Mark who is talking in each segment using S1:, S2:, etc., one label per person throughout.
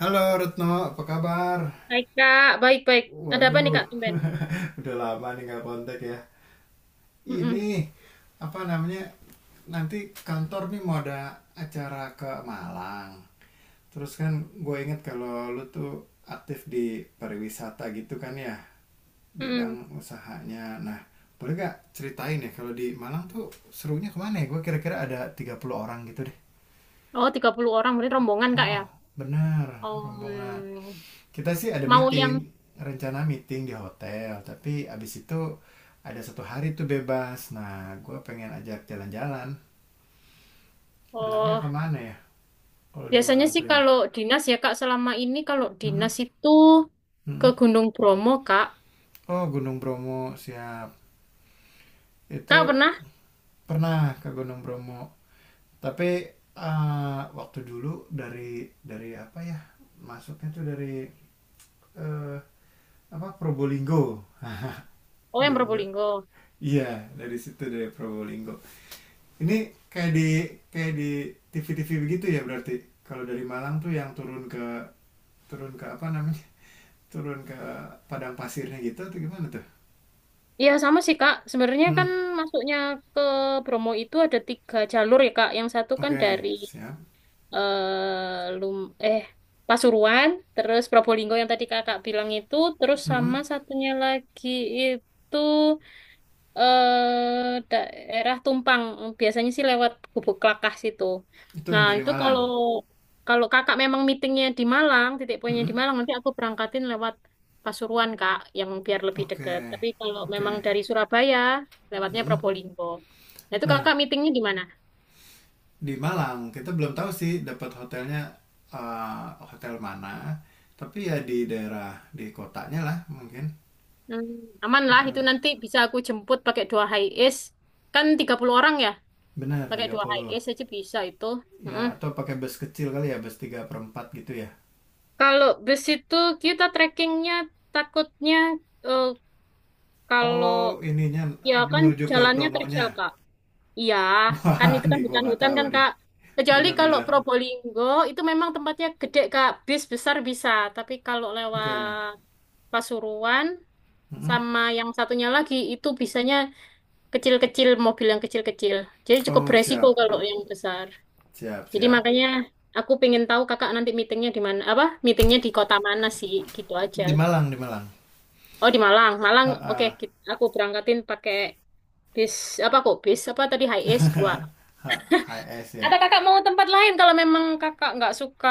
S1: Halo Retno, apa kabar?
S2: Baik, Kak. Baik-baik. Ada apa nih,
S1: Waduh,
S2: Kak? Tumben.
S1: udah lama nih nggak kontak ya. Ini
S2: Mm-mm.
S1: apa namanya? Nanti kantor nih mau ada acara ke Malang. Terus kan gue inget kalau lu tuh aktif di pariwisata gitu kan ya, bidang
S2: Mm-mm.
S1: usahanya. Nah, boleh gak ceritain ya kalau di Malang tuh serunya kemana ya? Gue kira-kira ada 30 orang gitu deh.
S2: Oh, 30 orang. Berarti rombongan,
S1: Oh,
S2: Kak,
S1: oh,
S2: ya?
S1: benar,
S2: Oh,
S1: rombongan. Kita sih ada
S2: mau
S1: meeting,
S2: yang...
S1: rencana meeting di hotel, tapi abis itu ada satu hari tuh bebas. Nah, gue pengen ajak jalan-jalan anaknya
S2: Oh,
S1: kemana ya kalau di
S2: biasanya
S1: Malang
S2: sih
S1: tuh ya.
S2: kalau dinas ya, Kak. Selama ini kalau
S1: Mm-mm,
S2: dinas itu ke
S1: mm-mm.
S2: Gunung Bromo, Kak.
S1: Oh, Gunung Bromo, siap.
S2: Kak
S1: Itu
S2: pernah?
S1: pernah ke Gunung Bromo tapi eh, waktu dulu dari apa ya, masuknya tuh dari eh, apa Probolinggo.
S2: Oh,
S1: Iya
S2: yang
S1: bener,
S2: Probolinggo.
S1: iya, dari situ, dari Probolinggo. Ini kayak di kayak di TV-TV begitu ya berarti. Kalau dari Malang tuh yang turun ke apa namanya? Turun ke padang pasirnya gitu atau gimana tuh?
S2: Iya, sama sih, Kak. Sebenarnya
S1: Hmm,
S2: kan masuknya ke Bromo itu ada tiga jalur ya, Kak. Yang satu kan
S1: oke,
S2: dari
S1: siap.
S2: eh lum eh Pasuruan, terus Probolinggo yang tadi kakak bilang itu, terus
S1: Hmm,
S2: sama satunya lagi itu daerah Tumpang, biasanya sih lewat Gubuk Klakah situ.
S1: itu yang
S2: Nah
S1: dari
S2: itu
S1: Malang.
S2: kalau kalau kakak memang meetingnya di Malang, titik poinnya
S1: Hmm,
S2: di Malang, nanti aku berangkatin lewat Pasuruan kak, yang biar lebih
S1: oke.
S2: deket. Tapi kalau
S1: Oke.
S2: memang dari Surabaya, lewatnya
S1: Hmm.
S2: Probolinggo. Nah itu
S1: Nah,
S2: kakak meetingnya di mana?
S1: di Malang kita belum tahu sih dapat hotelnya, eh, hotel mana, tapi ya di daerah di kotanya lah mungkin.
S2: Hmm, aman lah itu
S1: Heeh.
S2: nanti bisa aku jemput pakai dua high es, kan 30 orang ya,
S1: Benar
S2: pakai
S1: tiga
S2: dua high
S1: puluh.
S2: es aja bisa itu.
S1: Ya,
S2: Mm-mm.
S1: atau pakai bus kecil kali ya, bus tiga per 4 gitu ya.
S2: Kalau bus itu kita trekkingnya takutnya eh, kalau,
S1: Oh, ininya
S2: ya kan
S1: menuju ke
S2: jalannya terjal
S1: Bromonya.
S2: kak, iya kan,
S1: Wah,
S2: itu kan
S1: nih gua nggak
S2: hutan-hutan
S1: tahu
S2: kan
S1: nih.
S2: kak. Kecuali kalau
S1: Bener-bener.
S2: Probolinggo itu memang tempatnya gede kak, bis besar bisa. Tapi kalau
S1: Oke.
S2: lewat Pasuruan
S1: Mm-mm.
S2: sama yang satunya lagi itu bisanya kecil-kecil, mobil yang kecil-kecil, jadi cukup
S1: Oh,
S2: beresiko
S1: siap.
S2: kalau yang besar.
S1: Siap,
S2: Jadi
S1: siap.
S2: makanya aku pengen tahu kakak nanti meetingnya di mana, apa meetingnya di kota mana sih, gitu aja.
S1: Di Malang, di Malang.
S2: Oh di Malang Malang, oke,
S1: Ah,
S2: aku berangkatin pakai bis, apa kok bis apa tadi, high S 2,
S1: H S ya.
S2: atau kakak mau tempat lain kalau memang kakak nggak suka,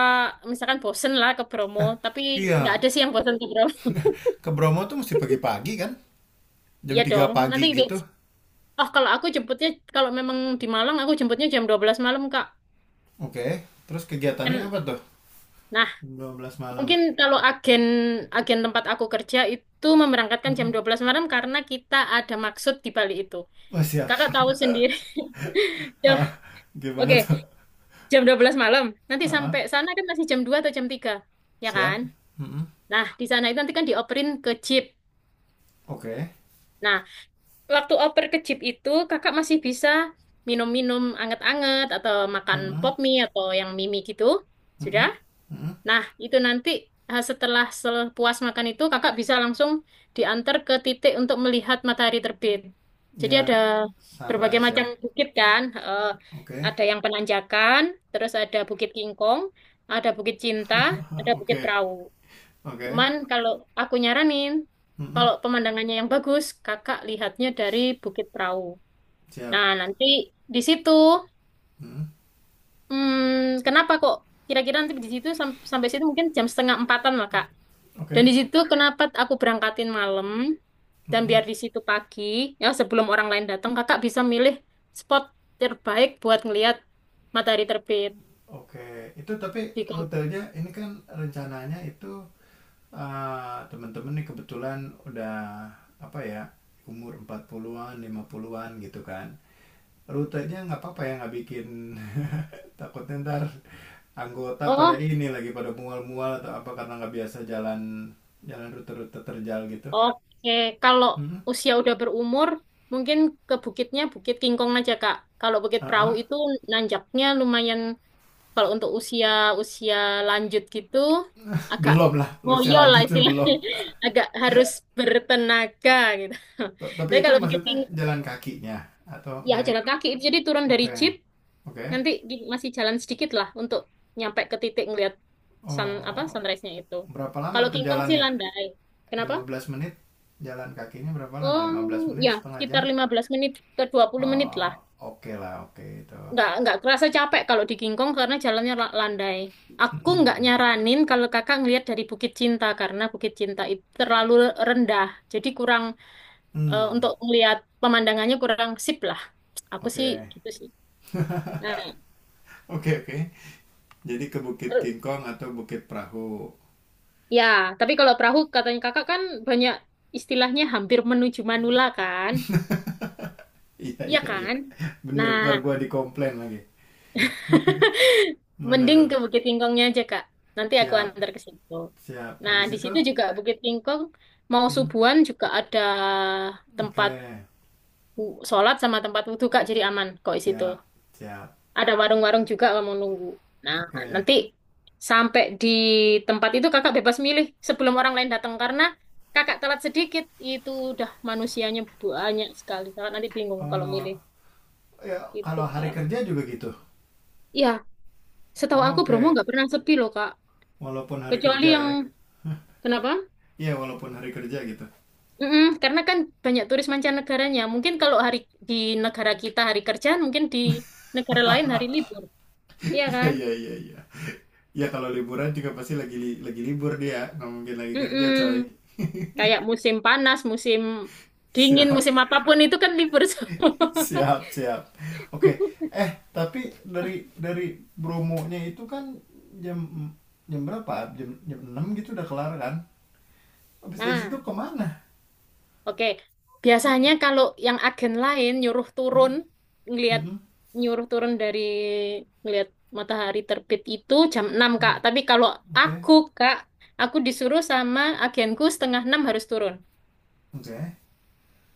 S2: misalkan bosen lah ke Bromo, tapi nggak
S1: Iya,
S2: ada sih yang bosen ke Bromo.
S1: ke Bromo tuh mesti pagi-pagi kan? Jam
S2: Iya
S1: 3
S2: dong, nanti
S1: pagi gitu.
S2: oh kalau aku jemputnya, kalau memang di Malang aku jemputnya jam 12 malam kak,
S1: Oke, terus
S2: kan.
S1: kegiatannya apa tuh?
S2: Nah,
S1: Jam 12 malam.
S2: mungkin kalau agen agen tempat aku kerja itu memerangkatkan jam
S1: Mm-mm.
S2: 12 malam karena kita ada maksud di balik itu.
S1: Oh, siap.
S2: Kakak tahu sendiri. Jam,
S1: Ah, gimana
S2: oke,
S1: tuh?
S2: jam 12 malam. Nanti
S1: Ah,
S2: sampai
S1: ah.
S2: sana kan masih jam 2 atau jam 3, ya
S1: Siap.
S2: kan?
S1: Mm-mm.
S2: Nah, di sana itu nanti kan dioperin ke jeep.
S1: Oke.
S2: Nah, waktu oper ke jeep itu kakak masih bisa minum-minum anget-anget atau makan pop
S1: Mm-mm.
S2: mie atau yang mimi gitu. Sudah?
S1: Mm-mm, mm-mm.
S2: Nah, itu nanti setelah puas makan itu kakak bisa langsung diantar ke titik untuk melihat matahari terbit. Jadi ada
S1: Ya,
S2: berbagai
S1: sunrise
S2: macam
S1: ya.
S2: bukit kan,
S1: Oke,
S2: ada yang penanjakan, terus ada Bukit Kingkong, ada Bukit Cinta, ada Bukit
S1: oke,
S2: Perahu.
S1: oke.
S2: Cuman kalau aku nyaranin,
S1: Mm-mm,
S2: kalau pemandangannya yang bagus, kakak lihatnya dari Bukit Perahu.
S1: siap.
S2: Nah, nanti di situ,
S1: Mm-mm,
S2: kenapa kok kira-kira nanti di situ sampai situ mungkin jam setengah empatan lah kak. Dan di
S1: oke.
S2: situ kenapa aku berangkatin malam dan
S1: Mm-mm,
S2: biar di situ pagi, ya sebelum orang lain datang, kakak bisa milih spot terbaik buat ngelihat matahari terbit
S1: oke. Itu tapi
S2: di Kom-
S1: rutenya ini kan rencananya itu ah, teman-teman nih kebetulan udah apa ya umur 40-an, 50-an gitu kan. Rutenya nggak apa-apa ya, nggak bikin takutnya ntar anggota pada
S2: Oh,
S1: ini lagi pada mual-mual atau apa karena nggak biasa jalan jalan rute-rute terjal gitu.
S2: oke. Kalau
S1: Mm-mm.
S2: usia udah berumur, mungkin ke bukitnya Bukit Kingkong aja, Kak. Kalau Bukit
S1: Ah,
S2: Perahu itu
S1: ah.
S2: nanjaknya lumayan kalau untuk usia usia lanjut gitu, agak
S1: Belum lah lo, usia
S2: ngoyo lah
S1: lanjut tuh belum.
S2: istilahnya. Agak harus bertenaga gitu.
S1: T-
S2: Tapi
S1: tapi itu
S2: kalau
S1: maksudnya jalan kakinya atau
S2: Ya
S1: naik.
S2: jalan kaki, jadi turun dari
S1: Oke,
S2: jeep
S1: oke.
S2: nanti masih jalan sedikit lah untuk nyampe ke titik ngelihat
S1: Oh,
S2: sunrise-nya itu.
S1: berapa lama
S2: Kalau
S1: tuh
S2: King Kong sih
S1: jalannya,
S2: landai. Kenapa,
S1: 15 menit? Jalan kakinya berapa lama,
S2: um,
S1: 15 menit,
S2: ya
S1: setengah
S2: sekitar
S1: jam?
S2: 15 menit ke 20 menit
S1: Oh,
S2: lah,
S1: oke lah, oke itu.
S2: nggak kerasa capek kalau di King Kong karena jalannya landai. Aku nggak
S1: Mm-mm.
S2: nyaranin kalau kakak ngelihat dari Bukit Cinta karena Bukit Cinta itu terlalu rendah, jadi kurang
S1: Mm.
S2: untuk ngelihat pemandangannya kurang sip lah, aku sih
S1: Oke,
S2: gitu sih. Nah,
S1: oke, oke, jadi ke Bukit King Kong atau Bukit Perahu?
S2: ya, tapi kalau perahu katanya kakak kan banyak istilahnya hampir menuju Manula kan?
S1: Iya,
S2: Iya
S1: iya, iya,
S2: kan?
S1: bener
S2: Nah,
S1: ntar gua dikomplain lagi.
S2: mending
S1: Bener,
S2: ke Bukit Tingkongnya aja Kak. Nanti aku
S1: siap,
S2: antar ke situ.
S1: siap,
S2: Nah,
S1: habis
S2: di
S1: itu.
S2: situ juga Bukit Tingkong mau
S1: Mm,
S2: subuhan juga ada tempat
S1: oke,
S2: sholat sama tempat wudhu Kak, jadi aman kok di situ.
S1: siap, siap,
S2: Ada warung-warung juga kalau mau nunggu. Nah,
S1: oke.
S2: nanti sampai di tempat itu kakak bebas milih sebelum orang lain datang karena kakak telat sedikit itu udah manusianya banyak sekali. Kakak nanti bingung kalau
S1: Eh,
S2: milih
S1: ya
S2: itu,
S1: kalau hari
S2: Kak.
S1: kerja juga gitu.
S2: Ya, setahu
S1: Oh,
S2: aku Bromo
S1: oke,
S2: nggak pernah sepi loh kak.
S1: walaupun hari
S2: Kecuali
S1: kerja
S2: yang,
S1: ya?
S2: kenapa?
S1: Iya walaupun hari kerja gitu.
S2: Mm-mm, karena kan banyak turis mancanegaranya. Mungkin kalau hari di negara kita hari kerjaan, mungkin di negara lain hari libur. Iya
S1: Iya,
S2: kan?
S1: iya, iya, iya, ya kalau liburan juga pasti lagi li- lagi libur, dia nggak mungkin lagi kerja
S2: Mm-mm.
S1: coy.
S2: Kayak musim panas, musim dingin,
S1: Siap.
S2: musim apapun itu kan libur semua.
S1: Siap, siap. Oke. Eh, tapi dari dari bromonya itu kan jam, jam berapa, jam jam 6 gitu udah kelar kan? Habis dari situ
S2: Nah,
S1: kemana?
S2: oke. Biasanya kalau yang agen lain nyuruh turun,
S1: Mm,
S2: ngelihat,
S1: mm,
S2: nyuruh turun dari ngelihat matahari terbit itu jam 6,
S1: mm.
S2: Kak. Tapi kalau
S1: Oke,
S2: aku, Kak, aku disuruh sama agenku setengah 6 harus turun.
S1: oke.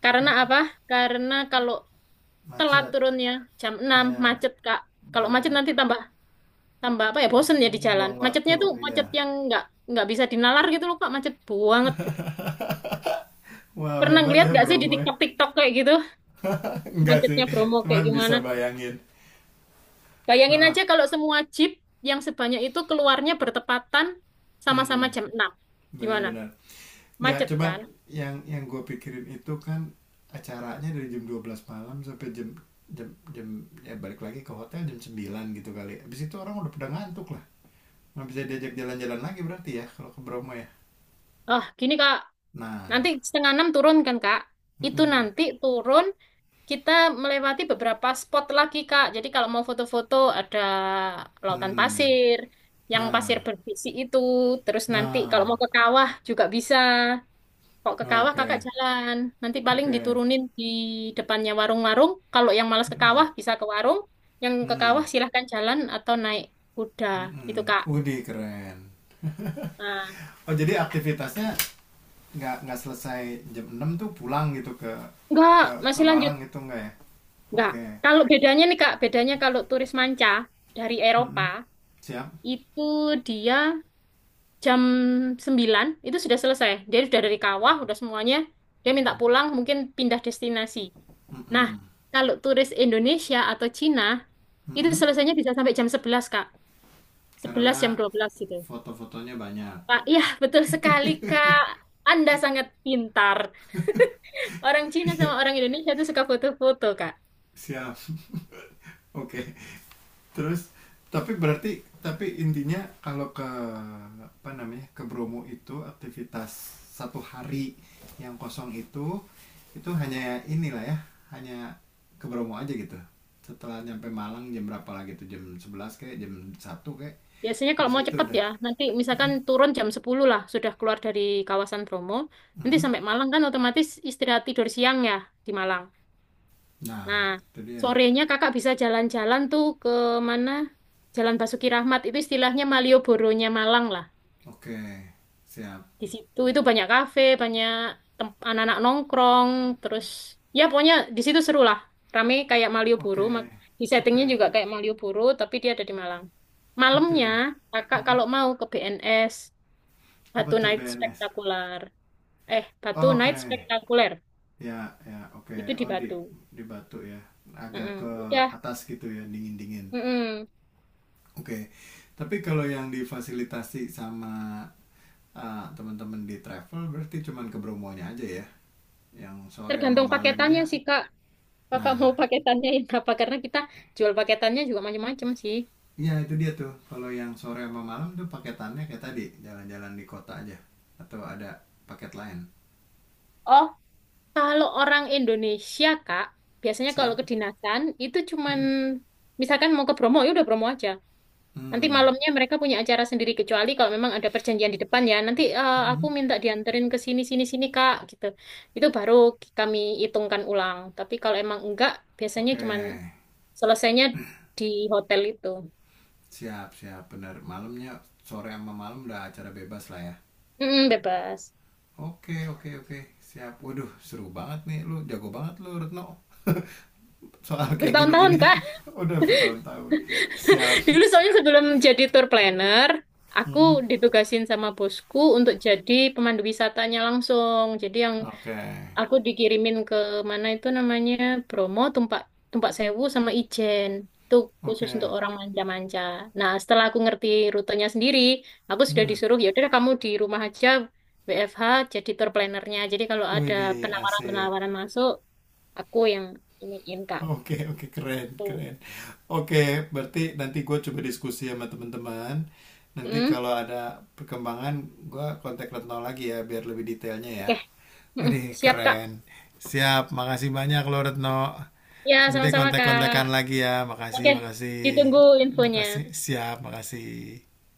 S2: Karena
S1: Ma-
S2: apa? Karena kalau telat
S1: macet.
S2: turunnya jam 6
S1: Ya,
S2: macet, Kak. Kalau macet
S1: benar.
S2: nanti tambah tambah apa ya, bosen ya di jalan,
S1: Buang
S2: macetnya
S1: waktu,
S2: tuh
S1: ya.
S2: macet yang nggak bisa dinalar gitu loh kak, macet banget gitu.
S1: Wow,
S2: Pernah
S1: hebat
S2: ngeliat
S1: ya
S2: nggak sih di
S1: Bromo ya.
S2: TikTok TikTok kayak gitu
S1: Enggak sih,
S2: macetnya Bromo kayak
S1: cuman
S2: gimana?
S1: bisa bayangin.
S2: Bayangin
S1: Ah,
S2: aja kalau semua jeep yang sebanyak itu keluarnya bertepatan
S1: hmm,
S2: sama-sama jam 6, gimana,
S1: benar-benar. Enggak,
S2: macet
S1: cuman
S2: kan.
S1: yang gue pikirin itu kan acaranya dari jam 12 malam sampai jam, jam, ya balik lagi ke hotel jam 9 gitu kali. Habis itu orang udah pada ngantuk lah. Nggak bisa diajak jalan-jalan lagi berarti ya kalau ke Bromo ya.
S2: Oh gini kak,
S1: Nah,
S2: nanti setengah enam turun kan kak, itu
S1: mm-mm,
S2: nanti turun. Kita melewati beberapa spot lagi, Kak. Jadi kalau mau foto-foto ada lautan
S1: hmm,
S2: pasir, yang pasir
S1: nah,
S2: berbisi itu. Terus nanti
S1: nah,
S2: kalau mau ke kawah juga bisa. Kok ke kawah kakak
S1: oke,
S2: jalan. Nanti paling
S1: oke.
S2: diturunin di depannya warung-warung. Kalau yang malas ke
S1: Mm-mm.
S2: kawah bisa ke warung. Yang ke
S1: Hmm,
S2: kawah silahkan jalan atau naik kuda.
S1: mm-mm.
S2: Itu, Kak.
S1: Widih, keren.
S2: Nah,
S1: Oh, jadi aktivitasnya nggak selesai jam 6 tuh pulang gitu ke
S2: enggak,
S1: ke ke
S2: masih lanjut.
S1: Malang gitu nggak ya?
S2: Enggak.
S1: Oke.
S2: Kalau bedanya nih, Kak. Bedanya kalau turis manca dari Eropa,
S1: Mm-mm. Siap.
S2: itu dia jam 9 itu sudah selesai. Dia sudah dari kawah, udah semuanya. Dia minta pulang, mungkin pindah destinasi. Nah,
S1: Mm-mm.
S2: kalau turis Indonesia atau Cina, itu
S1: Mm-mm.
S2: selesainya bisa sampai jam 11 Kak, 11
S1: Karena
S2: jam 12 gitu.
S1: foto-fotonya banyak.
S2: Pak, iya betul sekali, Kak. Anda sangat pintar. Orang Cina sama
S1: Iya,
S2: orang Indonesia itu suka foto-foto, Kak.
S1: siap. Oke. Terus, tapi berarti tapi intinya kalau ke apa namanya, ke Bromo itu aktivitas satu hari yang kosong itu hanya inilah ya, hanya ke Bromo aja gitu. Setelah nyampe Malang jam berapa lagi tuh, jam 11 kayak jam 1 kayak
S2: Biasanya kalau
S1: bis
S2: mau
S1: gitu
S2: cepet
S1: udah.
S2: ya, nanti
S1: Hmm,
S2: misalkan turun jam 10 lah, sudah keluar dari kawasan Bromo, nanti
S1: hmm.
S2: sampai Malang kan otomatis istirahat tidur siang ya di Malang. Nah,
S1: Nah itu dia.
S2: sorenya kakak bisa jalan-jalan tuh ke mana? Jalan Basuki Rahmat itu istilahnya Malioboro-nya Malang lah.
S1: Oke, siap.
S2: Di situ itu banyak kafe, banyak anak-anak nongkrong, terus ya pokoknya di situ seru lah. Rame kayak Malioboro,
S1: Oke,
S2: di
S1: oke,
S2: settingnya juga kayak Malioboro, tapi dia ada di Malang.
S1: oke.
S2: Malamnya kakak
S1: Hmm.
S2: kalau mau ke BNS,
S1: Apa
S2: Batu
S1: tuh
S2: Night
S1: BNS?
S2: Spektakuler. Batu
S1: Oke.
S2: Night Spektakuler
S1: Ya, ya, oke.
S2: itu di
S1: Oh, di
S2: Batu.
S1: Batu ya. Agak
S2: Mm-mm.
S1: ke
S2: Udah,
S1: atas gitu ya, dingin-dingin.
S2: mm-mm.
S1: Oke. Tapi kalau yang difasilitasi sama ah, teman-teman di travel, berarti cuman ke Bromonya aja ya. Yang sore sama
S2: Tergantung
S1: malamnya.
S2: paketannya sih Kak. Kakak
S1: Nah,
S2: mau paketannya ini apa? Karena kita jual paketannya juga macam-macam sih.
S1: ya itu dia tuh. Kalau yang sore sama malam tuh paketannya kayak tadi, jalan-jalan di kota aja atau ada paket lain.
S2: Oh, kalau orang Indonesia, Kak, biasanya kalau
S1: Siap?
S2: kedinasan itu cuman
S1: Hmm.
S2: misalkan mau ke Bromo, ya udah Bromo aja. Nanti
S1: Hmm.
S2: malamnya mereka punya acara sendiri kecuali kalau memang ada perjanjian di depan ya. Nanti aku
S1: Hmm.
S2: minta dianterin ke sini sini sini Kak gitu. Itu baru kami hitungkan ulang. Tapi kalau emang enggak, biasanya
S1: Oke.
S2: cuman selesainya di hotel itu.
S1: Siap, siap. Benar. Malamnya, sore sama malam udah acara bebas lah ya.
S2: Mm, bebas.
S1: Oke, oke, oke, siap. Waduh, seru banget nih lu, jago banget lu Retno soal kayak
S2: Bertahun-tahun
S1: gini-gini.
S2: Kak.
S1: Udah bertahun-tahun. Siap.
S2: Dulu soalnya sebelum jadi tour planner, aku
S1: Mm-mm.
S2: ditugasin sama bosku untuk jadi pemandu wisatanya langsung. Jadi yang
S1: Oke,
S2: aku dikirimin ke mana itu namanya Bromo, Tumpak Tumpak Sewu sama Ijen. Itu khusus
S1: oke.
S2: untuk orang manja-manja. Nah, setelah aku ngerti rutenya sendiri, aku sudah
S1: Mm-mm.
S2: disuruh ya udah kamu di rumah aja WFH jadi tour planner-nya. Jadi kalau ada
S1: Widih, asik.
S2: penawaran-penawaran masuk, aku yang iniin Kak.
S1: Oke, oke, keren, keren. Oke, berarti nanti gue coba diskusi sama teman-teman. Nanti
S2: Hmm,
S1: kalau ada perkembangan, gue kontak Retno lagi ya, biar lebih detailnya ya.
S2: oke. Mm-mm.
S1: Widih,
S2: Siap, Kak.
S1: keren. Siap, makasih banyak lo Retno.
S2: Ya,
S1: Nanti
S2: sama-sama,
S1: kontak-kontakan
S2: Kak.
S1: lagi ya,
S2: Oke,
S1: makasih, makasih.
S2: ditunggu infonya.
S1: Makasih, siap, makasih.